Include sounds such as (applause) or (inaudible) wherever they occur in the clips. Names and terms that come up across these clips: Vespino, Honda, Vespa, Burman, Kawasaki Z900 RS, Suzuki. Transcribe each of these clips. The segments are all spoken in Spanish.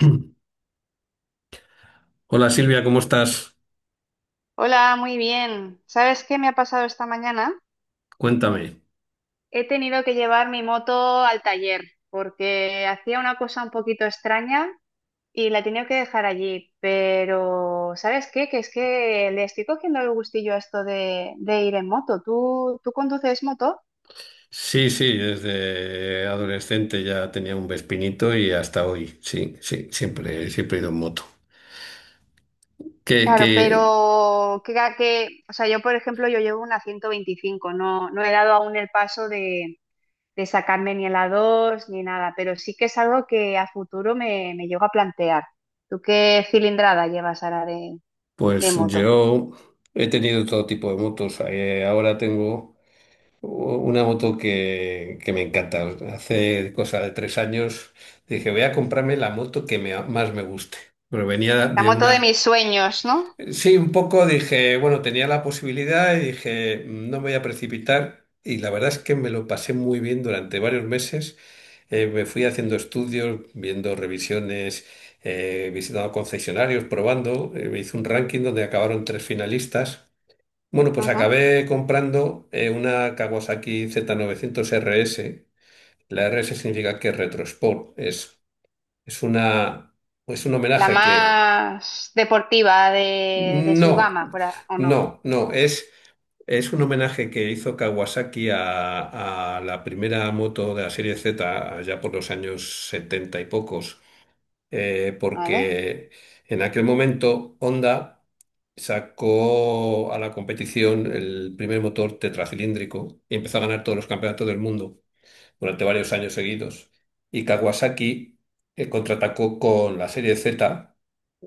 (clears throat) Hola Silvia, ¿cómo estás? Hola, muy bien. ¿Sabes qué me ha pasado esta mañana? Cuéntame. He tenido que llevar mi moto al taller porque hacía una cosa un poquito extraña y la he tenido que dejar allí. Pero, ¿sabes qué? Que es que le estoy cogiendo el gustillo a esto de ir en moto. ¿Tú conduces moto? Sí, sí, desde adolescente ya tenía un Vespinito y hasta hoy, sí, sí, siempre, siempre he ido en moto. Que, que, Claro, pero o sea, yo por ejemplo, yo llevo una 125, no he dado aún el paso de sacarme ni en la 2 ni nada, pero sí que es algo que a futuro me llego a plantear. ¿Tú qué cilindrada llevas ahora de pues moto? yo he tenido todo tipo de motos. Ahora tengo una moto que me encanta. Hace cosa de tres años dije, voy a comprarme la moto que más me guste. Pero venía La de moto de mis una. sueños, ¿no? Sí, un poco dije, bueno, tenía la posibilidad y dije, No me voy a precipitar". Y la verdad es que me lo pasé muy bien durante varios meses. Me fui haciendo estudios, viendo revisiones, visitando concesionarios, probando. Me hice un ranking donde acabaron tres finalistas. Bueno, pues Ajá. acabé comprando una Kawasaki Z900 RS. La RS significa que es retro sport. Es una, es un La homenaje que... más deportiva de su No, gama, por a- ¿o no? no, no, es... Es un homenaje que hizo Kawasaki a la primera moto de la serie Z, allá por los años 70 y pocos, ¿Vale? porque en aquel momento Honda sacó a la competición el primer motor tetracilíndrico y empezó a ganar todos los campeonatos del mundo durante varios años seguidos. Y Kawasaki contraatacó con la serie Z,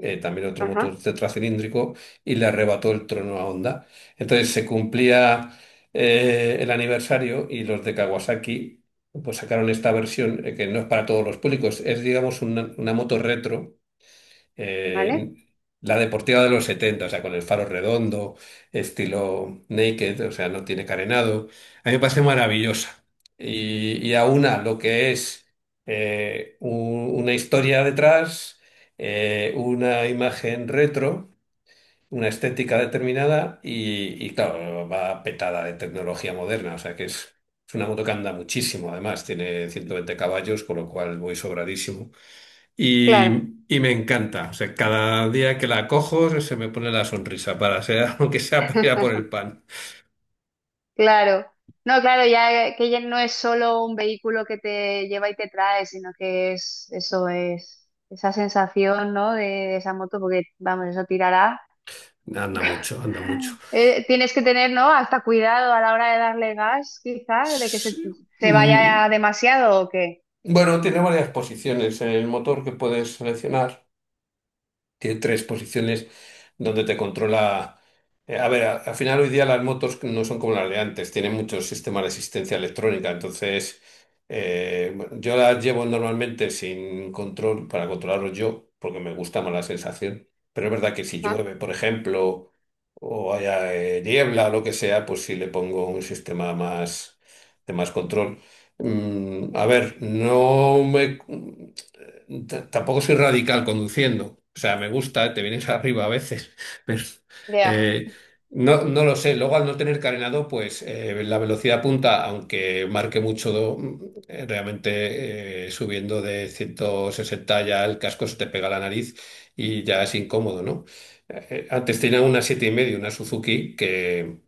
también otro motor Ajá, tetracilíndrico, y le arrebató el trono a Honda. Entonces se cumplía el aniversario y los de Kawasaki pues sacaron esta versión que no es para todos los públicos, es digamos una moto retro, ¿vale? eh, la deportiva de los 70, o sea, con el faro redondo, estilo naked, o sea, no tiene carenado. A mí me parece maravillosa. Y aúna lo que es una historia detrás, una imagen retro, una estética determinada claro, va petada de tecnología moderna, o sea, que es... Es una moto que anda muchísimo, además, tiene 120 caballos, con lo cual voy sobradísimo. Claro. Y me encanta. O sea, cada día que la cojo se me pone la sonrisa para ser, (laughs) aunque sea para ir a por el (laughs) pan. Claro. No, claro, ya que ya no es solo un vehículo que te lleva y te trae, sino que es esa sensación, ¿no? De esa moto, porque vamos, eso tirará. Anda mucho, anda mucho. Tienes que tener, ¿no? Hasta cuidado a la hora de darle gas, quizás, de Sí. se Mm, vaya demasiado o qué. Bueno, tiene varias posiciones en el motor que puedes seleccionar. Tiene tres posiciones donde te controla. A ver, al final hoy día las motos no son como las de antes, tienen muchos sistemas de asistencia electrónica, entonces bueno, yo las llevo normalmente sin control para controlarlos yo, porque me gusta más la sensación. Pero es verdad que si Ajá, llueve, por ejemplo, o haya niebla o lo que sea, pues sí le pongo un sistema más de más control. A ver, tampoco soy radical conduciendo. O sea, me gusta, te vienes (laughs) arriba a veces, (laughs) pero ya. eh, no lo sé. Luego, al no tener carenado, pues la velocidad punta, aunque marque mucho, realmente subiendo de 160 ya el casco se te pega a la nariz y ya es incómodo, ¿no? Antes tenía una siete y medio, una Suzuki, que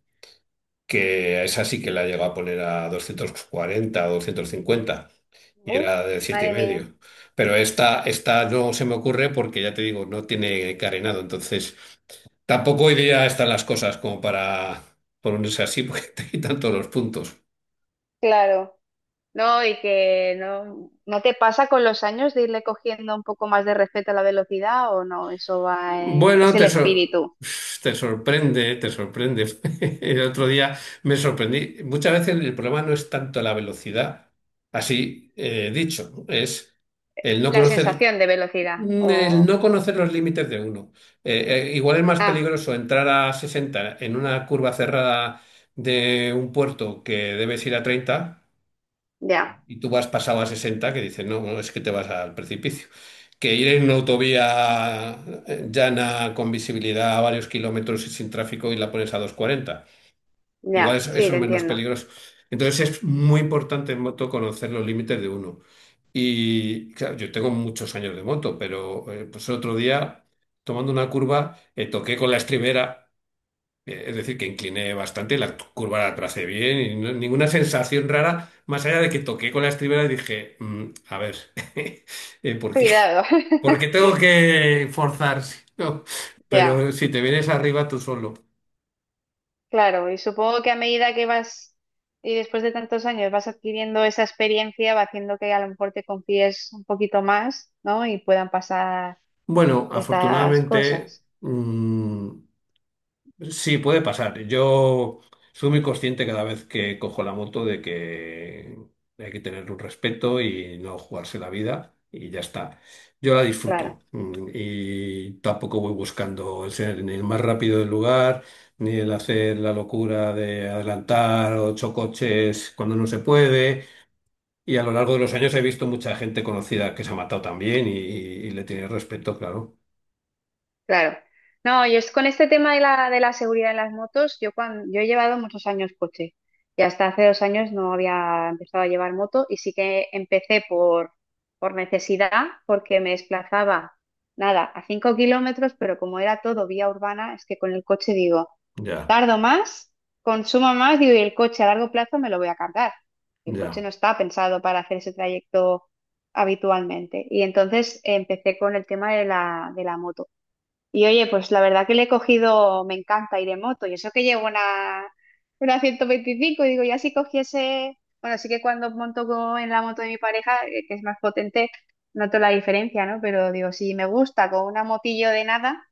que esa sí que la llegó a poner a 240, o 250 y Uf, era de siete y madre mía. medio. Pero esta no se me ocurre porque ya te digo, no tiene carenado, entonces tampoco hoy día están las cosas como para ponerse así porque (laughs) te quitan todos los puntos. Claro. No, y que no, ¿no te pasa con los años de irle cogiendo un poco más de respeto a la velocidad o no? Eso va, es Bueno, el te, sor- espíritu, Te sorprende, te sorprende. (laughs) El otro día me sorprendí. Muchas veces el problema no es tanto la velocidad, así dicho, es el no la conocer. sensación de velocidad. El O... no conocer los límites de uno. Igual es más Ah, peligroso entrar a 60 en una curva cerrada de un puerto que debes ir a 30 ya, y tú vas pasado a 60 que dices, no, no, es que te vas al precipicio. Que ir en una autovía llana con visibilidad a varios kilómetros y sin tráfico y la pones a doscientos cuarenta. Igual ya, eso, sí, eso te es menos entiendo. peligroso. Entonces es muy importante en moto conocer los límites de uno. Y claro, yo tengo muchos años de moto, pero pues el otro día, tomando una curva, toqué con la estribera, es decir, que incliné bastante y la curva la tracé bien y ninguna sensación rara, más allá de que toqué con la estribera y dije, A ver, (laughs) ¿por qué? Cuidado. ¿Por qué (laughs) tengo que forzar? (laughs) ¿no?". Ya. Pero si te vienes arriba tú solo. Claro, y supongo que a medida que vas y después de tantos años vas adquiriendo esa experiencia, va haciendo que a lo mejor te confíes un poquito más, ¿no? Y puedan pasar Bueno, estas afortunadamente, cosas. Sí puede pasar. Yo soy muy consciente cada vez que cojo la moto de que hay que tener un respeto y no jugarse la vida y ya está. Yo la disfruto Claro, y tampoco voy buscando el ser ni el más rápido del lugar, ni el hacer la locura de adelantar ocho coches cuando no se puede. Y a lo largo de los años he visto mucha gente conocida que se ha matado también y le tiene respeto, claro. claro. No, yo es con este tema de la seguridad en las motos, yo cuando yo he llevado muchos años coche y hasta hace 2 años no había empezado a llevar moto y sí que empecé por necesidad, porque me desplazaba, nada, a 5 km, pero como era todo vía urbana, es que con el coche digo. Ya. Tardo más, consumo más, digo, y el coche a largo plazo me lo voy a cargar. El coche Ya. no está pensado para hacer ese trayecto habitualmente. Y entonces empecé con el tema de la moto. Y oye, pues la verdad que le he cogido, me encanta ir en moto. Y eso que llevo una 125 digo, ya si cogiese, bueno, sí que cuando monto co- en la moto de mi pareja, que es más potente, noto la diferencia, ¿no? Pero digo, si me gusta con una motillo de nada,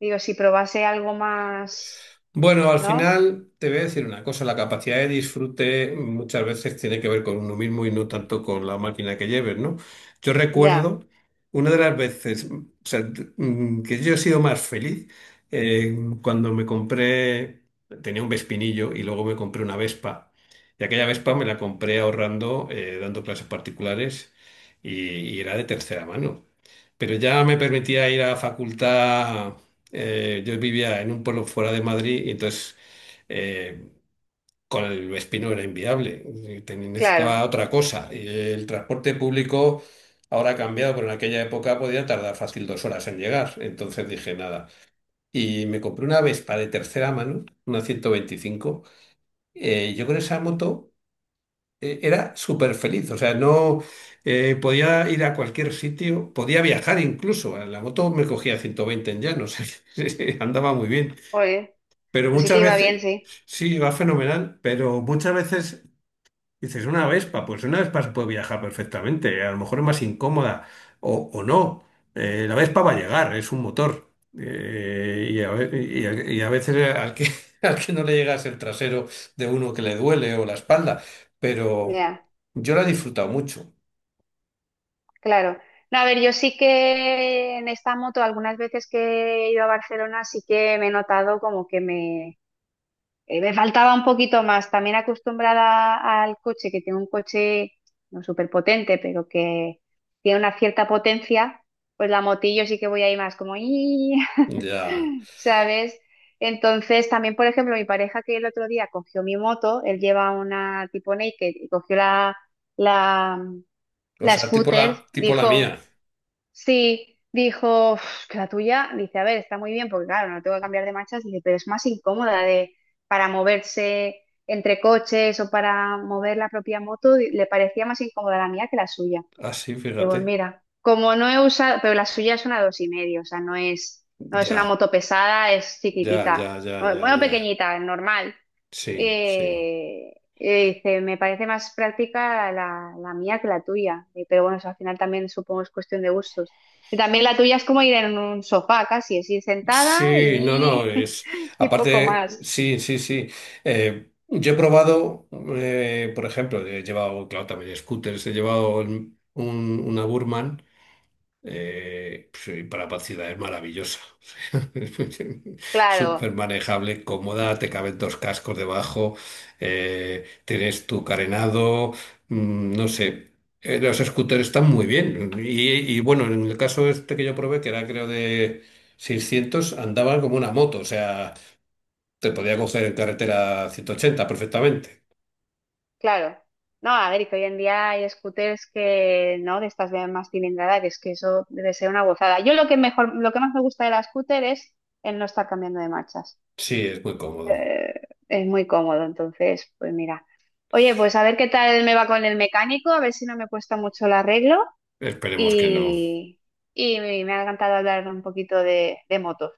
digo, si probase algo más... Bueno, al ¿no? final te voy a decir una cosa, la capacidad de disfrute muchas veces tiene que ver con uno mismo y no tanto con la máquina que lleves, ¿no? Yo Ya, recuerdo una de las veces, o sea, que yo he sido más feliz eh, cuando me compré, tenía un Vespinillo y luego me compré una Vespa. Y aquella Vespa me la compré ahorrando, dando clases particulares y era de tercera mano. Pero ya me permitía ir a la facultad. Yo vivía en un pueblo fuera de Madrid y entonces eh, con el Vespino era inviable. Claro. Necesitaba otra cosa. Y el transporte público ahora ha cambiado, pero en aquella época podía tardar fácil dos horas en llegar. Entonces dije nada. Y me compré una Vespa de tercera mano, una 125. Yo con esa moto era súper feliz, o sea, no podía ir a cualquier sitio, podía viajar incluso, la moto me cogía 120 en llano, (laughs) o sea, que (laughs) andaba muy bien, Oye, pero pues sí que muchas iba veces, bien, sí. sí, va fenomenal, pero muchas veces dices, una Vespa, pues una Vespa se puede viajar perfectamente, a lo mejor es más incómoda o no. La Vespa va a llegar, es un motor. Y, a, ve- y a- y A veces al que, (laughs) al que no le llegas el trasero de uno que le duele o la espalda, pero Ya, yo la he disfrutado mucho. claro. No, a ver, yo sí que en esta moto, algunas veces que he ido a Barcelona, sí que me he notado como que me faltaba un poquito más, también acostumbrada al coche, que tengo un coche no súper potente, pero que tiene una cierta potencia, pues la motillo sí que voy ahí más como, "Ii", Ya, (laughs) ¿sabes? Entonces, también, por ejemplo, mi pareja que el otro día cogió mi moto, él lleva una tipo naked y cogió la, o la sea, scooter, tipo la dijo... mía. Sí, dijo, "Uf, que la tuya, dice, a ver, está muy bien, porque claro, no tengo que cambiar de marchas, dice, pero es más incómoda de, para moverse entre coches o para mover la propia moto, di- le parecía más incómoda la mía que la suya. Ah, sí, Digo, "Pues fíjate. mira, como no he usado, pero la suya es una dos y medio, o sea, no es una Ya, moto pesada, es ya, chiquitita, ya, ya, o- ya, bueno, ya. pequeñita, normal, Sí, sí. Dice, me parece más práctica la mía que la tuya. Pero bueno, eso al final también supongo es cuestión de gustos. Y también la tuya es como ir en un sofá casi, es ir sentada Sí, no, y, no, (laughs) es. y poco Aparte, más. Sí, sí, sí. Yo he probado, por ejemplo, he llevado, claro, también scooters, he llevado una Burman. Sí, para pacidad es maravillosa. (laughs) Súper Claro, manejable, cómoda, te caben dos cascos debajo, tienes tu carenado, no sé. Los scooters están muy bien. Y bueno, en el caso este que yo probé, que era creo de 600, andaban como una moto, o sea, te podía coger en carretera 180 perfectamente. claro. No, a ver, y que hoy en día hay scooters que, ¿no? De estas de más cilindrada, que es que eso debe ser una gozada. Yo lo que mejor, lo que más me gusta de la scooter es el no estar cambiando de marchas. Sí, es muy cómodo. Eh, es muy cómodo, entonces, pues mira. Oye, pues a ver qué tal me va con el mecánico, a ver si no me cuesta mucho el arreglo Esperemos que no. y, y me ha encantado hablar un poquito de motos.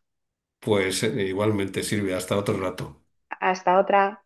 Pues igualmente sirve hasta otro rato. Hasta otra.